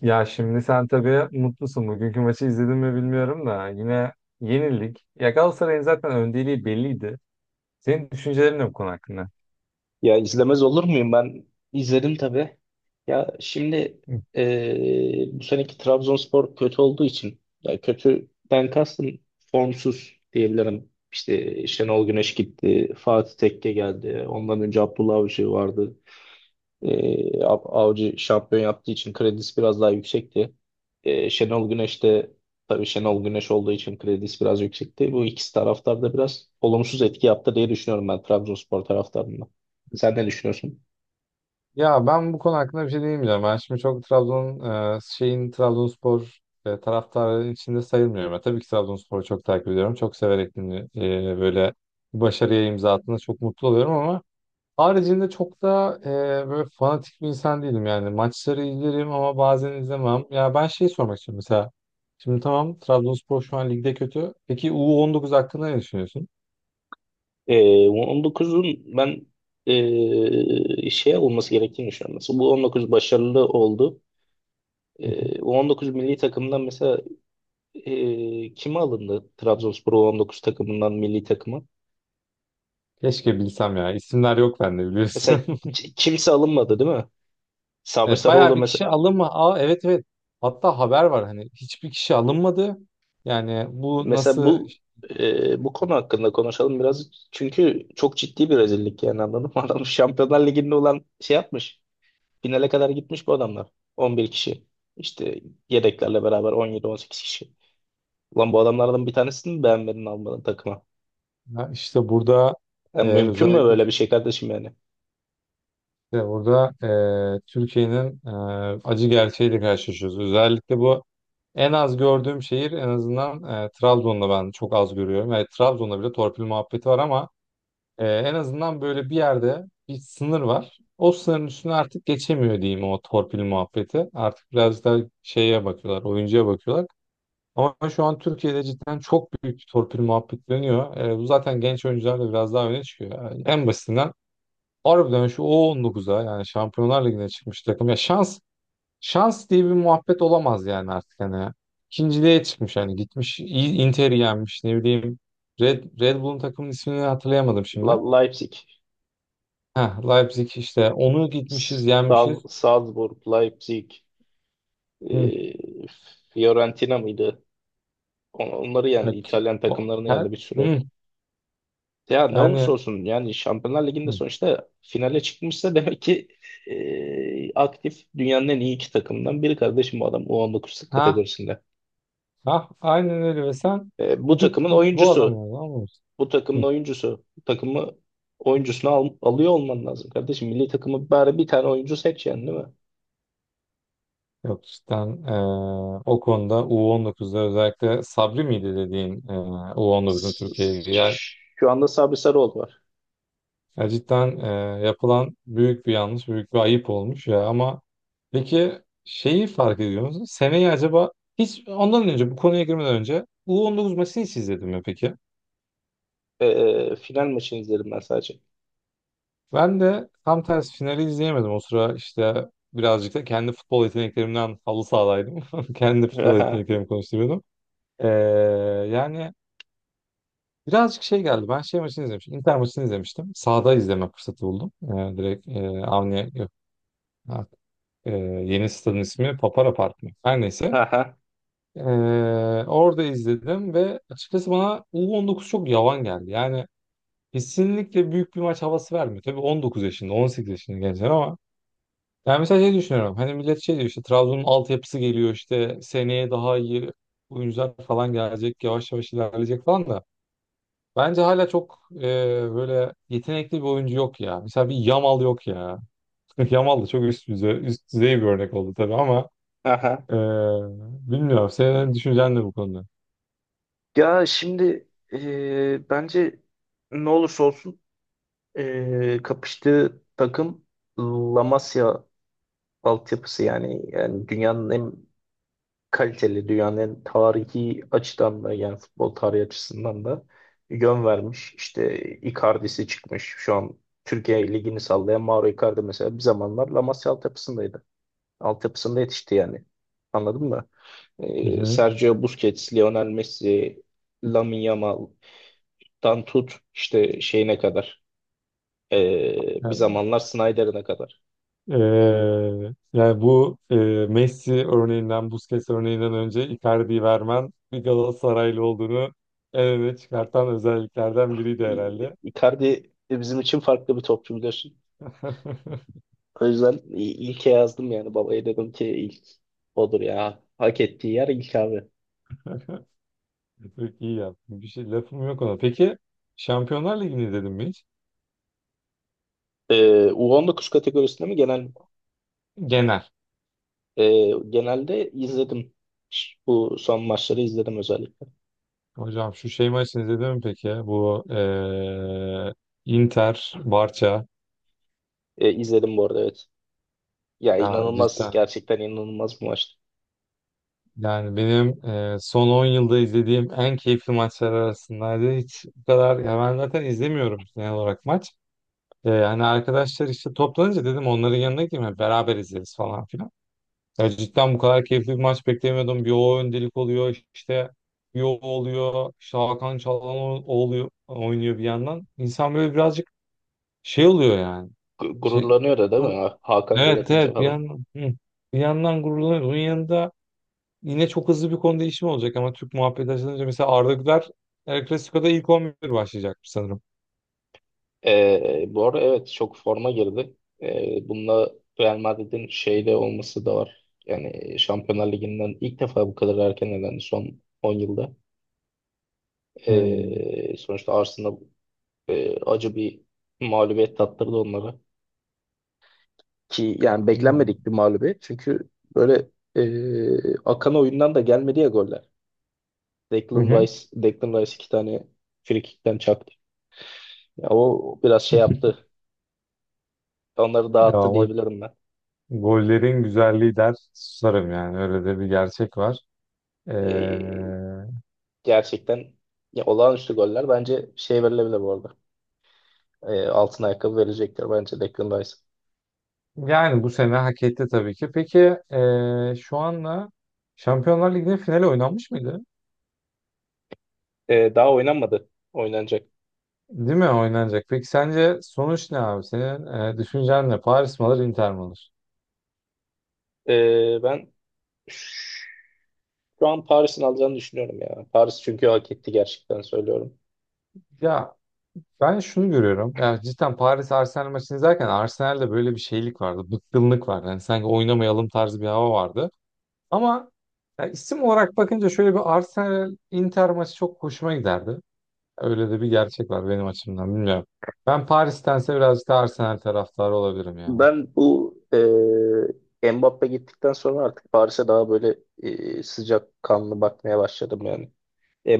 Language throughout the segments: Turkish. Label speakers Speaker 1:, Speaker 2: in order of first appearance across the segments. Speaker 1: Ya şimdi sen tabii mutlusun. Bugünkü maçı izledin mi bilmiyorum da yine yenildik. Ya Galatasaray'ın zaten öndeliği belliydi. Senin düşüncelerin ne bu konu hakkında?
Speaker 2: Ya izlemez olur muyum ben? İzledim tabii. Ya şimdi bu seneki Trabzonspor kötü olduğu için ya kötüden kastım formsuz diyebilirim. İşte Şenol Güneş gitti, Fatih Tekke geldi. Ondan önce Abdullah Avcı vardı. Avcı şampiyon yaptığı için kredisi biraz daha yüksekti. Şenol Güneş de tabii Şenol Güneş olduğu için kredisi biraz yüksekti. Bu ikisi taraftar da biraz olumsuz etki yaptı diye düşünüyorum ben Trabzonspor taraftarında. Sen ne düşünüyorsun?
Speaker 1: Ya ben bu konu hakkında bir şey diyemeyeceğim. Ben şimdi çok Trabzon şeyin Trabzonspor taraftarı içinde sayılmıyorum. Ben tabii ki Trabzonspor'u çok takip ediyorum. Çok severek böyle başarıya imza attığında çok mutlu oluyorum ama haricinde çok da böyle fanatik bir insan değilim yani. Maçları izlerim ama bazen izlemem. Ya ben şey sormak istiyorum mesela. Şimdi tamam, Trabzonspor şu an ligde kötü. Peki U19 hakkında ne düşünüyorsun?
Speaker 2: 19'un ben şey olması gerektiğini düşünüyorum. Mesela bu 19 başarılı oldu.
Speaker 1: Hı hı.
Speaker 2: U19 milli takımdan mesela, kime alındı Trabzonspor U19 takımından milli takıma?
Speaker 1: Keşke bilsem ya. İsimler yok bende, biliyorsun.
Speaker 2: Mesela kimse alınmadı değil mi? Sabri
Speaker 1: Evet, bayağı
Speaker 2: Sarıoğlu
Speaker 1: bir
Speaker 2: mesela,
Speaker 1: kişi alınma. Aa, evet evet. Hatta haber var, hani hiçbir kişi alınmadı. Yani bu
Speaker 2: mesela
Speaker 1: nasıl,
Speaker 2: bu bu konu hakkında konuşalım biraz. Çünkü çok ciddi bir rezillik yani, anladın mı? Adam Şampiyonlar Ligi'nde olan şey yapmış. Finale kadar gitmiş bu adamlar. 11 kişi. İşte yedeklerle beraber on yedi on sekiz kişi. Ulan bu adamlardan bir tanesini mi beğenmedin, almadın takıma?
Speaker 1: ya işte burada
Speaker 2: Yani mümkün mü
Speaker 1: özellikle
Speaker 2: böyle
Speaker 1: işte
Speaker 2: bir şey kardeşim yani?
Speaker 1: burada Türkiye'nin acı gerçeğiyle karşılaşıyoruz. Özellikle bu en az gördüğüm şehir, en azından Trabzon'da ben çok az görüyorum. Evet, Trabzon'da bile torpil muhabbeti var ama en azından böyle bir yerde bir sınır var. O sınırın üstüne artık geçemiyor diyeyim o torpil muhabbeti. Artık biraz daha şeye bakıyorlar, oyuncuya bakıyorlar. Ama şu an Türkiye'de cidden çok büyük bir torpil muhabbeti dönüyor. Bu zaten genç oyuncular da biraz daha öne çıkıyor. Yani en basitinden harbiden şu U19'a yani Şampiyonlar Ligi'ne çıkmış takım. Şans diye bir muhabbet olamaz yani artık hani. İkinciliğe çıkmış, hani gitmiş Inter'i yenmiş, ne bileyim. Red Bull'un takımın ismini hatırlayamadım şimdi.
Speaker 2: Leipzig,
Speaker 1: Heh, Leipzig, işte onu gitmişiz yenmişiz.
Speaker 2: Salzburg, Leipzig,
Speaker 1: Hı,
Speaker 2: e, Fiorentina mıydı? Onları yendi.
Speaker 1: bak,
Speaker 2: İtalyan
Speaker 1: o-
Speaker 2: takımlarını
Speaker 1: her,
Speaker 2: yendi bir sürü.
Speaker 1: hı,
Speaker 2: Ya ne olursa
Speaker 1: yani
Speaker 2: olsun, yani Şampiyonlar Ligi'nde
Speaker 1: hı,
Speaker 2: sonuçta finale çıkmışsa demek ki aktif dünyanın en iyi iki takımından biri kardeşim bu adam U19
Speaker 1: ha
Speaker 2: kategorisinde.
Speaker 1: ha aynen öyle ve sen
Speaker 2: E, bu takımın
Speaker 1: gidip bu adamı
Speaker 2: oyuncusu,
Speaker 1: anlamışsın. Hı.
Speaker 2: bu takımı oyuncusunu alıyor olman lazım kardeşim. Milli takımı bari bir tane oyuncu seç yani, değil mi?
Speaker 1: Yok cidden o konuda U19'da özellikle Sabri miydi dediğin U19'un
Speaker 2: S- s-
Speaker 1: Türkiye'ye.
Speaker 2: Şu anda Sabri Sarıoğlu var.
Speaker 1: Ya cidden yapılan büyük bir yanlış, büyük bir ayıp olmuş ya. Ama peki şeyi fark ediyor musun? Seneyi acaba hiç ondan önce, bu konuya girmeden önce U19 maçını hiç izledim mi peki?
Speaker 2: Final maçını izledim ben sadece.
Speaker 1: Ben de tam tersi finali izleyemedim. O sıra işte birazcık da kendi futbol yeteneklerimden halı sahadaydım. Kendi futbol
Speaker 2: Aha,
Speaker 1: yeteneklerimi konuşturuyordum. Ee, Yani birazcık şey geldi. Ben şey maçını izlemiştim. Inter maçını izlemiştim. Sahada izleme fırsatı buldum. Direkt Avni yok. Ee, Yeni stadın ismi Papara Park mı? Her neyse.
Speaker 2: aha,
Speaker 1: Ee, Orada izledim ve açıkçası bana U19 çok yavan geldi. Yani kesinlikle büyük bir maç havası vermiyor. Tabii 19 yaşında, 18 yaşında gençler ama yani mesela şey düşünüyorum. Hani millet şey diyor, işte Trabzon'un altyapısı geliyor, işte seneye daha iyi oyuncular falan gelecek, yavaş yavaş ilerleyecek falan da bence hala çok böyle yetenekli bir oyuncu yok ya. Mesela bir Yamal yok ya. Yamal da çok üst düzey, üst düzey bir örnek oldu tabii ama
Speaker 2: aha.
Speaker 1: Ee, bilmiyorum. Senin düşüncen ne bu konuda?
Speaker 2: Ya şimdi, bence ne olursa olsun, kapıştığı takım La Masia altyapısı, yani dünyanın en kaliteli, dünyanın en tarihi açıdan da, yani futbol tarihi açısından da yön vermiş. İşte Icardi'si çıkmış. Şu an Türkiye ligini sallayan Mauro Icardi mesela bir zamanlar La Masia altyapısındaydı. Altyapısında yetişti yani. Anladın mı?
Speaker 1: Hı hı.
Speaker 2: Sergio Busquets, Lionel Messi, Lamine Yamal'dan tut işte şeyine kadar, bir zamanlar Snyder'ına kadar.
Speaker 1: Ee, Yani bu Messi örneğinden, Busquets örneğinden önce Icardi'yi vermen bir Galatasaraylı olduğunu en öne çıkartan özelliklerden biriydi herhalde.
Speaker 2: Icardi bizim için farklı bir topçu, biliyorsun. O yüzden ilke yazdım yani, babaya dedim ki ilk odur ya. Hak ettiği yer ilk, abi.
Speaker 1: Çok iyi yaptın. Bir şey lafım yok ona. Peki Şampiyonlar Ligi'ni izledin mi hiç?
Speaker 2: U19 kategorisinde mi, genel mi?
Speaker 1: Genel.
Speaker 2: Genelde izledim. Bu son maçları izledim özellikle.
Speaker 1: Hocam şu şey maçını izledin mi peki, ya? Bu Inter, Barça.
Speaker 2: İzledim bu arada, evet. Ya
Speaker 1: Ya
Speaker 2: inanılmaz,
Speaker 1: cidden.
Speaker 2: gerçekten inanılmaz bir maçtı.
Speaker 1: Yani benim son 10 yılda izlediğim en keyifli maçlar arasındaydı. Hiç bu kadar, ya ben zaten izlemiyorum genel olarak maç. Hani arkadaşlar işte toplanınca dedim onların yanına gideyim, hani beraber izleriz falan filan. Ya cidden bu kadar keyifli bir maç beklemiyordum. Bir o öndelik oluyor, işte bir o oluyor. İşte Hakan Çalhanoğlu oluyor oynuyor bir yandan. İnsan böyle birazcık şey oluyor yani. Şey,
Speaker 2: Gururlanıyor da, değil mi? Hakan gol
Speaker 1: evet
Speaker 2: atınca
Speaker 1: evet bir
Speaker 2: falan.
Speaker 1: yandan, hı, bir yandan gururlanıyor. Bunun yanında yine çok hızlı bir konu değişimi olacak ama Türk muhabbeti açılınca mesela Arda Güler El Clasico'da ilk 11 başlayacak sanırım.
Speaker 2: Bu arada evet, çok forma girdi. Bununla Real Madrid'in şeyde olması da var. Yani Şampiyonlar Ligi'nden ilk defa bu kadar erken elendi son 10 yılda.
Speaker 1: Hmm.
Speaker 2: Sonuçta Arsenal acı bir mağlubiyet tattırdı onlara. Ki yani
Speaker 1: Hmm.
Speaker 2: beklenmedik bir mağlubiyet. Çünkü böyle akan oyundan da gelmedi ya goller.
Speaker 1: Hı
Speaker 2: Declan
Speaker 1: hı.
Speaker 2: Rice, Declan Rice iki tane frikikten. Ya o biraz şey yaptı. Onları
Speaker 1: Ya
Speaker 2: dağıttı
Speaker 1: ama
Speaker 2: diyebilirim ben.
Speaker 1: gollerin güzelliği der susarım, yani öyle de bir gerçek var. Ee,
Speaker 2: Ee, Gerçekten ya olağanüstü goller, bence şey verilebilir bu arada. Altın ayakkabı verecektir bence Declan Rice.
Speaker 1: Yani bu sene hak etti tabii ki. Peki şu anla Şampiyonlar Ligi'nin finali oynanmış mıydı?
Speaker 2: Daha oynanmadı. Oynanacak.
Speaker 1: Değil mi, oynanacak? Peki sence sonuç ne abi? Senin düşüncen ne? Paris mi alır, Inter mi alır?
Speaker 2: Ben şu an Paris'in alacağını düşünüyorum ya. Paris çünkü hak etti, gerçekten söylüyorum.
Speaker 1: Ya, ben şunu görüyorum. Yani cidden Paris Arsenal maçını izlerken Arsenal'de böyle bir şeylik vardı. Bıkkınlık vardı. Yani sanki oynamayalım tarzı bir hava vardı. Ama ya isim olarak bakınca şöyle bir Arsenal Inter maçı çok hoşuma giderdi. Öyle de bir gerçek var benim açımdan, bilmiyorum. Ben Paris'tense birazcık da Arsenal taraftarı olabilirim ya.
Speaker 2: Ben bu Mbappe gittikten sonra artık Paris'e daha böyle sıcak kanlı bakmaya başladım yani.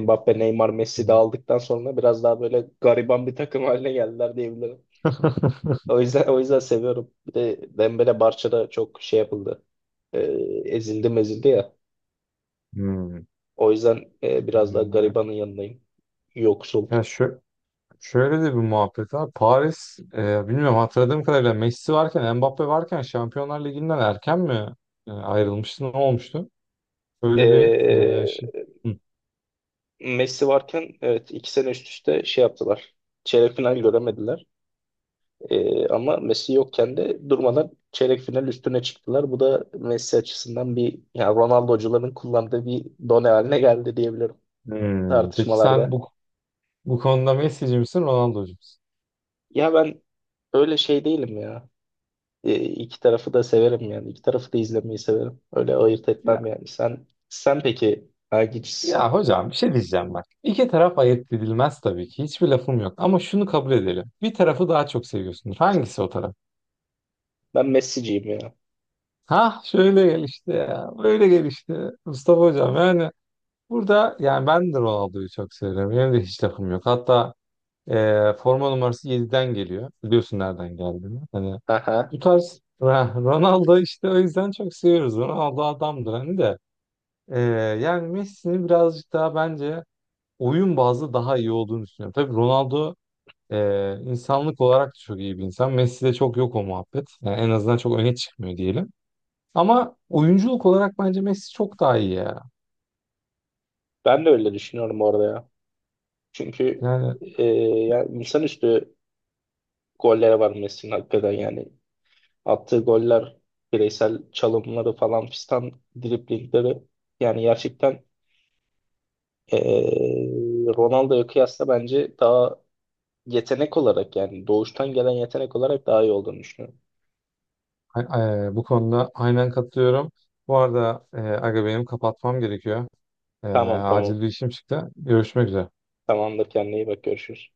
Speaker 2: Mbappe, Neymar, Messi de
Speaker 1: Hmm.
Speaker 2: aldıktan sonra biraz daha böyle gariban bir takım haline geldiler diyebilirim. O yüzden seviyorum. Bir de Dembele Barça'da çok şey yapıldı. Ee, Ezildi mezildi ya. O yüzden biraz daha
Speaker 1: Hmm.
Speaker 2: garibanın yanındayım. Yoksul.
Speaker 1: Ya şu, Şöyle de bir muhabbet var. Paris, bilmiyorum hatırladığım kadarıyla Messi varken, Mbappe varken Şampiyonlar Ligi'nden erken mi ayrılmıştı? Ne olmuştu? Böyle bir
Speaker 2: Ee,
Speaker 1: şey. Hı.
Speaker 2: Messi varken evet, iki sene üst üste şey yaptılar. Çeyrek final göremediler. Ama Messi yokken de durmadan çeyrek final üstüne çıktılar. Bu da Messi açısından bir, yani Ronaldo'cuların kullandığı bir done haline geldi diyebilirim
Speaker 1: Hmm. Peki sen
Speaker 2: tartışmalarda.
Speaker 1: bu konuda Messi'ci misin, Ronaldo'cu musun?
Speaker 2: Ya ben öyle şey değilim ya. İki tarafı da severim yani. İki tarafı da izlemeyi severim. Öyle ayırt
Speaker 1: Ya,
Speaker 2: etmem yani. Sen peki
Speaker 1: ya,
Speaker 2: hangisisin?
Speaker 1: hocam bir şey diyeceğim bak. İki taraf ayırt edilmez tabii ki. Hiçbir lafım yok. Ama şunu kabul edelim. Bir tarafı daha çok seviyorsundur. Hangisi o taraf?
Speaker 2: Ben Messi'ciyim ya.
Speaker 1: Ha, şöyle gel işte ya. Böyle gel işte. Mustafa hocam, yani burada yani ben de Ronaldo'yu çok seviyorum. Benim de hiç takım yok. Hatta forma numarası yediden geliyor. Biliyorsun nereden geldiğini. Hani
Speaker 2: Aha.
Speaker 1: bu tarz Ronaldo işte o yüzden çok seviyoruz. Ronaldo adamdır hani de. E, Yani Messi'nin birazcık daha bence oyun bazlı daha iyi olduğunu düşünüyorum. Tabii Ronaldo insanlık olarak da çok iyi bir insan. Messi'de çok yok o muhabbet. Yani en azından çok öne çıkmıyor diyelim. Ama oyunculuk olarak bence Messi çok daha iyi ya.
Speaker 2: Ben de öyle düşünüyorum orada ya. Çünkü
Speaker 1: Yani
Speaker 2: e, ya insanüstü gollere var Messi'nin, hakikaten yani. Attığı goller, bireysel çalımları falan fistan, driblingleri, yani gerçekten e, Ronaldo'ya kıyasla bence daha yetenek olarak, yani doğuştan gelen yetenek olarak daha iyi olduğunu düşünüyorum.
Speaker 1: A- bu konuda aynen katılıyorum. Bu arada Aga benim kapatmam gerekiyor.
Speaker 2: Tamam tamam.
Speaker 1: Acil bir işim çıktı. Görüşmek üzere.
Speaker 2: Tamamdır, kendine iyi bak, görüşürüz.